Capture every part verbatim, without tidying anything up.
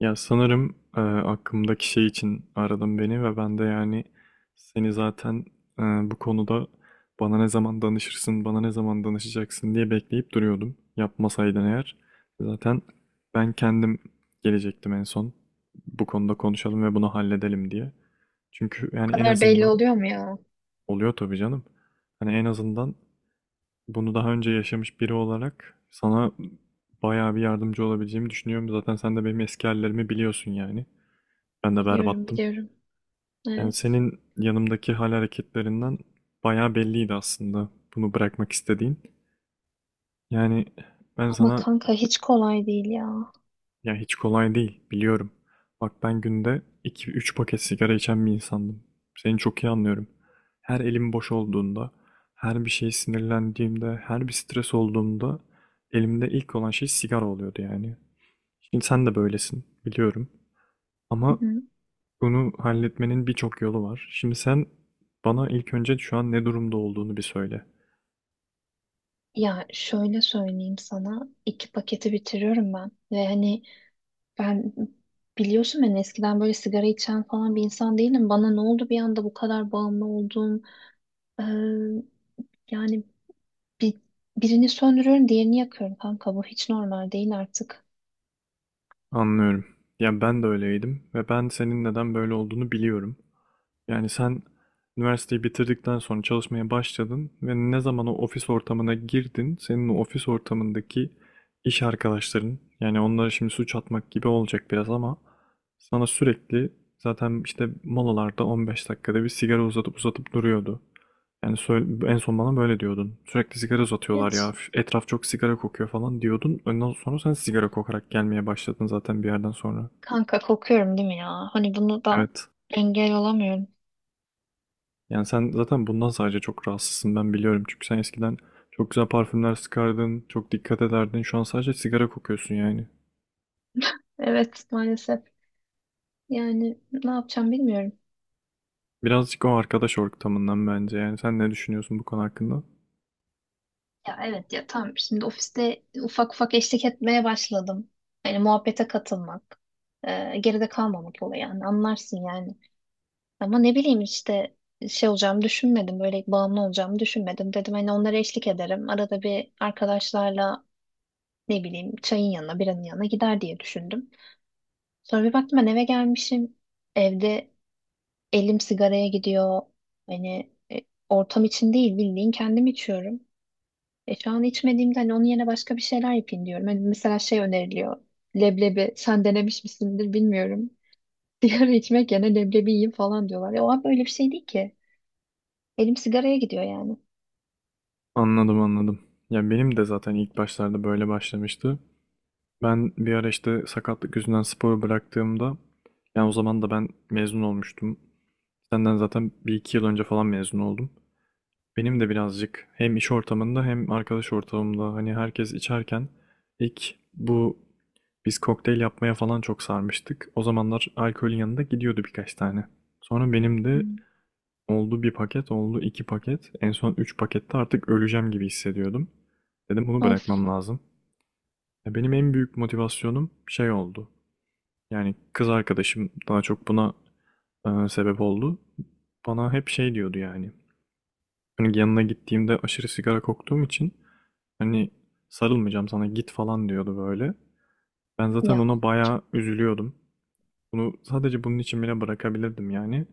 Ya sanırım e, aklımdaki şey için aradın beni ve ben de yani seni zaten e, bu konuda bana ne zaman danışırsın, bana ne zaman danışacaksın diye bekleyip duruyordum. Yapmasaydın eğer zaten ben kendim gelecektim en son. Bu konuda konuşalım ve bunu halledelim diye. Çünkü yani en Kadar belli azından oluyor mu ya? oluyor tabii canım. Hani en azından bunu daha önce yaşamış biri olarak sana bayağı bir yardımcı olabileceğimi düşünüyorum. Zaten sen de benim eski hallerimi biliyorsun yani. Ben de Biliyorum, berbattım. biliyorum. Yani Evet. senin yanımdaki hal hareketlerinden bayağı belliydi aslında bunu bırakmak istediğin. Yani ben Ama sana, kanka hiç kolay değil ya. ya, hiç kolay değil, biliyorum. Bak ben günde iki üç paket sigara içen bir insandım. Seni çok iyi anlıyorum. Her elim boş olduğunda, her bir şeye sinirlendiğimde, her bir stres olduğumda elimde ilk olan şey sigara oluyordu yani. Şimdi sen de böylesin biliyorum. Hı Ama hı. Bunu halletmenin birçok yolu var. Şimdi sen bana ilk önce şu an ne durumda olduğunu bir söyle. Ya şöyle söyleyeyim sana, iki paketi bitiriyorum ben ve hani ben biliyorsun ben eskiden böyle sigara içen falan bir insan değilim. Bana ne oldu bir anda bu kadar bağımlı oldum. Ee, yani bir, birini söndürüyorum, diğerini yakıyorum kanka. Bu hiç normal değil artık. Anlıyorum. Ya ben de öyleydim ve ben senin neden böyle olduğunu biliyorum. Yani sen üniversiteyi bitirdikten sonra çalışmaya başladın ve ne zaman o ofis ortamına girdin, senin o ofis ortamındaki iş arkadaşların, yani onlara şimdi suç atmak gibi olacak biraz ama sana sürekli zaten işte molalarda on beş dakikada bir sigara uzatıp uzatıp duruyordu. Yani söyle- en son bana böyle diyordun. Sürekli sigara uzatıyorlar ya, Evet. etraf çok sigara kokuyor falan diyordun. Ondan sonra sen sigara kokarak gelmeye başladın zaten bir yerden sonra. Kanka kokuyorum değil mi ya? Hani bunu da Evet. engel olamıyorum. Yani sen zaten bundan sadece çok rahatsızsın ben biliyorum. Çünkü sen eskiden çok güzel parfümler sıkardın, çok dikkat ederdin. Şu an sadece sigara kokuyorsun yani. Evet maalesef. Yani ne yapacağım bilmiyorum. Birazcık o arkadaş ortamından bence yani. Sen ne düşünüyorsun bu konu hakkında? Ya evet ya tamam şimdi ofiste ufak ufak eşlik etmeye başladım. Yani muhabbete katılmak, e, geride kalmamak olayı yani anlarsın yani. Ama ne bileyim işte şey olacağımı düşünmedim, böyle bağımlı olacağımı düşünmedim. Dedim hani onlara eşlik ederim. Arada bir arkadaşlarla ne bileyim çayın yanına, biranın yanına gider diye düşündüm. Sonra bir baktım ben eve gelmişim. Evde elim sigaraya gidiyor. Hani e, ortam için değil bildiğin kendim içiyorum. E şu an içmediğimde hani onun yerine başka bir şeyler yapayım diyorum. Hani mesela şey öneriliyor. Leblebi sen denemiş misindir bilmiyorum. Sigara içmek yerine leblebi yiyeyim falan diyorlar. Ya o abi öyle bir şey değil ki. Elim sigaraya gidiyor yani. Anladım, anladım. Ya benim de zaten ilk başlarda böyle başlamıştı. Ben bir ara işte sakatlık yüzünden sporu bıraktığımda yani o zaman da ben mezun olmuştum. Senden zaten bir iki yıl önce falan mezun oldum. Benim de birazcık hem iş ortamında hem arkadaş ortamında hani herkes içerken ilk bu biz kokteyl yapmaya falan çok sarmıştık. O zamanlar alkolün yanında gidiyordu birkaç tane. Sonra benim de Hmm. oldu bir paket, oldu iki paket. En son üç pakette artık öleceğim gibi hissediyordum. Dedim bunu Of bırakmam lazım. Ya Benim en büyük motivasyonum şey oldu. Yani kız arkadaşım daha çok buna e, sebep oldu. Bana hep şey diyordu yani. Hani yanına gittiğimde aşırı sigara koktuğum için, hani sarılmayacağım sana, git falan diyordu böyle. Ben zaten ona ya. bayağı üzülüyordum. Bunu sadece bunun için bile bırakabilirdim yani.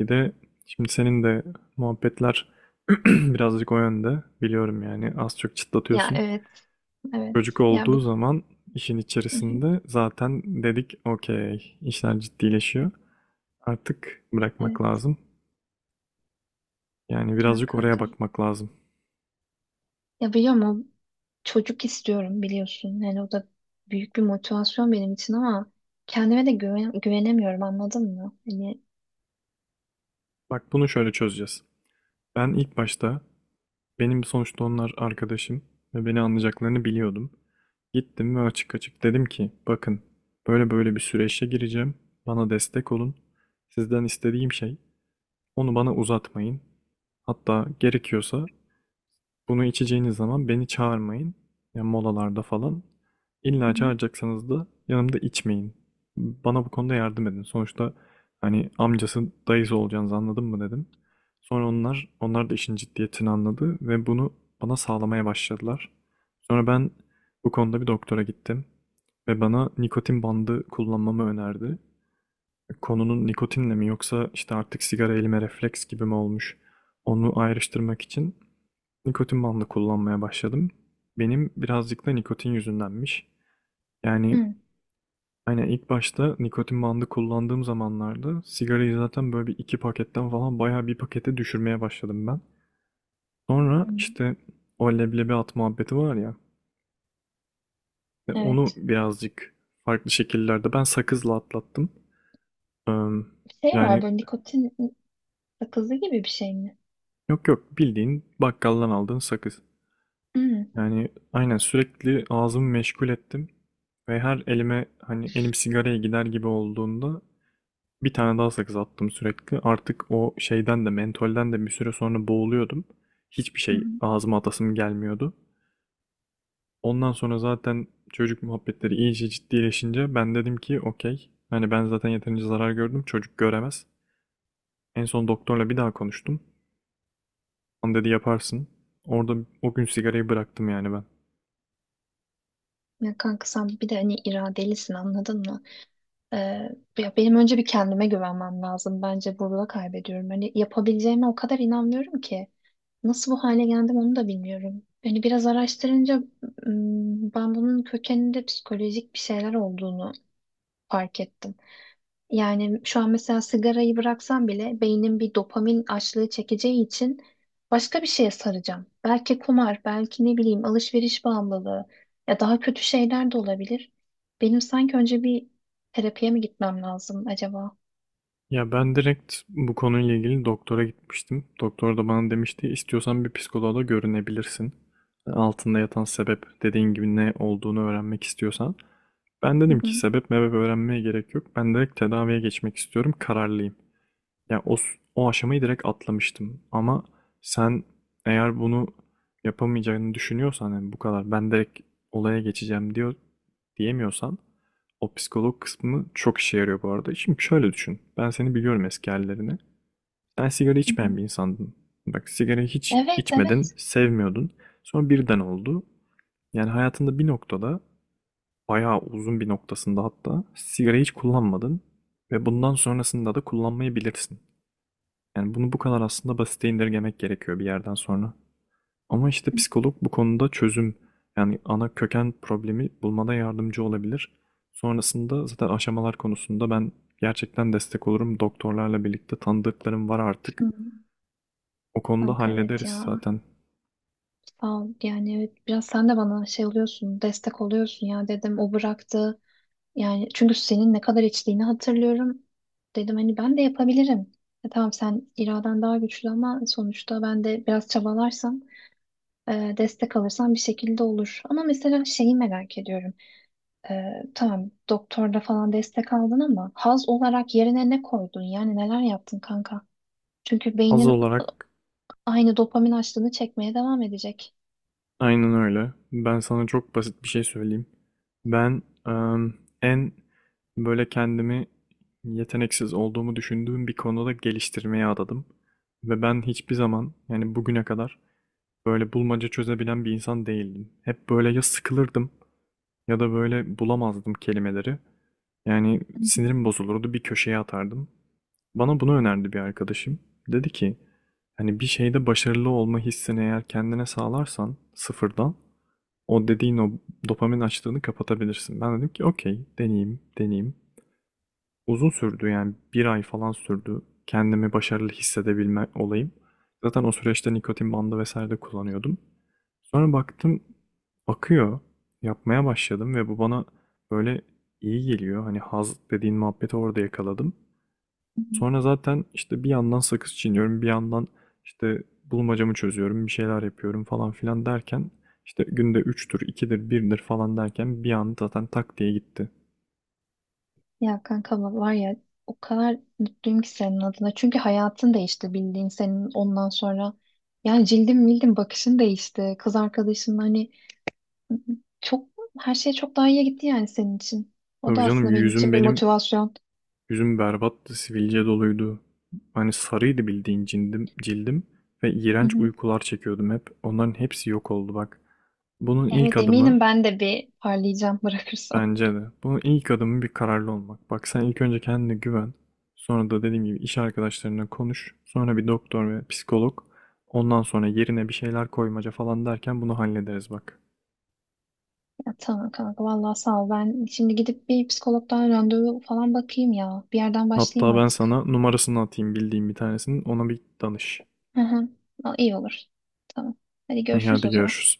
Bir de şimdi senin de muhabbetler birazcık o yönde. Biliyorum yani az çok Ya çıtlatıyorsun. evet. Evet. Çocuk Ya olduğu bu. zaman işin Hı hı. içerisinde zaten dedik okey, işler ciddileşiyor. Artık bırakmak Evet lazım. Yani ya birazcık oraya kankam. bakmak lazım. Ya biliyor musun? Çocuk istiyorum biliyorsun. Yani o da büyük bir motivasyon benim için ama kendime de güven güvenemiyorum anladın mı? Hani. Bak, bunu şöyle çözeceğiz. Ben ilk başta, benim sonuçta onlar arkadaşım ve beni anlayacaklarını biliyordum. Gittim ve açık açık dedim ki, bakın böyle böyle bir süreçe gireceğim. Bana destek olun. Sizden istediğim şey onu bana uzatmayın. Hatta gerekiyorsa bunu içeceğiniz zaman beni çağırmayın. Yani molalarda falan. Hı İlla hı. çağıracaksanız da yanımda içmeyin. Bana bu konuda yardım edin. Sonuçta hani amcası dayısı olacağınızı anladın mı dedim. Sonra onlar onlar da işin ciddiyetini anladı ve bunu bana sağlamaya başladılar. Sonra ben bu konuda bir doktora gittim ve bana nikotin bandı kullanmamı önerdi. Konunun nikotinle mi yoksa işte artık sigara elime refleks gibi mi olmuş onu ayrıştırmak için Nikotin bandı kullanmaya başladım. Benim birazcık da nikotin yüzündenmiş. Yani Hı. hani ilk başta nikotin bandı kullandığım zamanlarda sigarayı zaten böyle bir iki paketten falan bayağı bir pakete düşürmeye başladım ben. Sonra Hı. işte o leblebi at muhabbeti var ya, e, onu Evet. birazcık farklı şekillerde ben sakızla atlattım. Eee, Şey var Yani, böyle nikotin sakızı gibi bir şey mi? yok yok, bildiğin bakkaldan aldığın sakız. Hmm, Yani aynen sürekli ağzımı meşgul ettim ve her elime hani elim sigaraya gider gibi olduğunda bir tane daha sakız attım sürekli. Artık o şeyden de mentolden de bir süre sonra boğuluyordum. Hiçbir şey hmm. ağzıma atasım gelmiyordu. Ondan sonra zaten çocuk muhabbetleri iyice ciddileşince ben dedim ki okey. Hani ben zaten yeterince zarar gördüm, çocuk göremez. En son doktorla bir daha konuştum. Onu dedi yaparsın. Orada o gün sigarayı bıraktım yani ben. Ya kanka sen bir de hani iradelisin anladın mı? Ee, ya benim önce bir kendime güvenmem lazım. Bence burada kaybediyorum. Hani yapabileceğime o kadar inanmıyorum ki. Nasıl bu hale geldim onu da bilmiyorum. Hani biraz araştırınca ım, ben bunun kökeninde psikolojik bir şeyler olduğunu fark ettim. Yani şu an mesela sigarayı bıraksam bile beynim bir dopamin açlığı çekeceği için başka bir şeye saracağım. Belki kumar, belki ne bileyim alışveriş bağımlılığı ya daha kötü şeyler de olabilir. Benim sanki önce bir terapiye mi gitmem lazım acaba? Ya ben direkt bu konuyla ilgili doktora gitmiştim. Doktor da bana demişti istiyorsan bir psikoloğa da görünebilirsin. Altında yatan sebep dediğin gibi ne olduğunu öğrenmek istiyorsan. Ben Hı dedim hı, ki sebep mebep öğrenmeye gerek yok. Ben direkt tedaviye geçmek istiyorum. Kararlıyım. Yani o, s- o aşamayı direkt atlamıştım. Ama sen eğer bunu yapamayacağını düşünüyorsan, yani bu kadar ben direkt olaya geçeceğim diyor diyemiyorsan, o psikolog kısmı çok işe yarıyor bu arada. Şimdi şöyle düşün. Ben seni biliyorum, eski hallerini. Sen sigara hı hı. içmeyen bir insandın. Bak, sigarayı hiç Evet, evet. içmedin, sevmiyordun. Sonra birden oldu. Yani hayatında bir noktada, bayağı uzun bir noktasında hatta sigarayı hiç kullanmadın ve bundan sonrasında da kullanmayı bilirsin. Yani bunu bu kadar aslında basite indirgemek gerekiyor bir yerden sonra. Ama işte psikolog bu konuda çözüm, yani ana köken problemi bulmada yardımcı olabilir. Sonrasında zaten aşamalar konusunda ben gerçekten destek olurum. Doktorlarla birlikte tanıdıklarım var artık. Hı. O konuda Kanka evet hallederiz ya zaten. sağ ol yani evet biraz sen de bana şey oluyorsun destek oluyorsun ya dedim o bıraktı. Yani çünkü senin ne kadar içtiğini hatırlıyorum. Dedim hani ben de yapabilirim. E, tamam sen iraden daha güçlü ama sonuçta ben de biraz çabalarsam, e, destek alırsam bir şekilde olur. Ama mesela şeyi merak ediyorum. E, tamam doktorda falan destek aldın ama haz olarak yerine ne koydun? Yani neler yaptın kanka? Çünkü Az beynin olarak. aynı dopamin açlığını çekmeye devam edecek. Aynen öyle. Ben sana çok basit bir şey söyleyeyim. Ben em, en böyle kendimi yeteneksiz olduğumu düşündüğüm bir konuda geliştirmeye adadım. Ve ben hiçbir zaman, yani bugüne kadar, böyle bulmaca çözebilen bir insan değildim. Hep böyle ya sıkılırdım ya da böyle bulamazdım kelimeleri. Yani sinirim bozulurdu, bir köşeye atardım. Bana bunu önerdi bir arkadaşım. Dedi ki, hani bir şeyde başarılı olma hissini eğer kendine sağlarsan sıfırdan, o dediğin o dopamin açlığını kapatabilirsin. Ben dedim ki okey, deneyeyim, deneyeyim. Uzun sürdü, yani bir ay falan sürdü kendimi başarılı hissedebilme olayım. Zaten o süreçte nikotin bandı vesaire de kullanıyordum. Sonra baktım akıyor, yapmaya başladım ve bu bana böyle iyi geliyor. Hani haz dediğin muhabbeti orada yakaladım. Sonra zaten işte bir yandan sakız çiğniyorum, bir yandan işte bulmacamı çözüyorum, bir şeyler yapıyorum falan filan derken işte günde üçtür, ikidir, birdir falan derken bir anda zaten tak diye gitti. Ya kanka var ya o kadar mutluyum ki senin adına. Çünkü hayatın değişti bildiğin senin ondan sonra. Yani cildin bildim bakışın değişti. Kız arkadaşın hani çok her şey çok daha iyiye gitti yani senin için. O Tabii da canım, aslında benim için yüzüm bir benim motivasyon. Yüzüm berbattı, sivilce doluydu. Hani sarıydı bildiğin cildim, cildim, ve Hı iğrenç hı. uykular çekiyordum hep. Onların hepsi yok oldu bak. Bunun ilk Evet adımı eminim ben de bir parlayacağım bırakırsam. bence de. Bunun ilk adımı bir kararlı olmak. Bak sen ilk önce kendine güven. Sonra da dediğim gibi iş arkadaşlarına konuş. Sonra bir doktor ve psikolog. Ondan sonra yerine bir şeyler koymaca falan derken bunu hallederiz bak. Ya tamam kanka vallahi sağ ol. Ben şimdi gidip bir psikologdan randevu falan bakayım ya. Bir yerden başlayayım Hatta ben artık. sana numarasını atayım bildiğim bir tanesinin. Ona bir danış. Hı hı. Aa, İyi olur. Tamam. Hadi İyi, görüşürüz hadi o zaman. görüşürüz.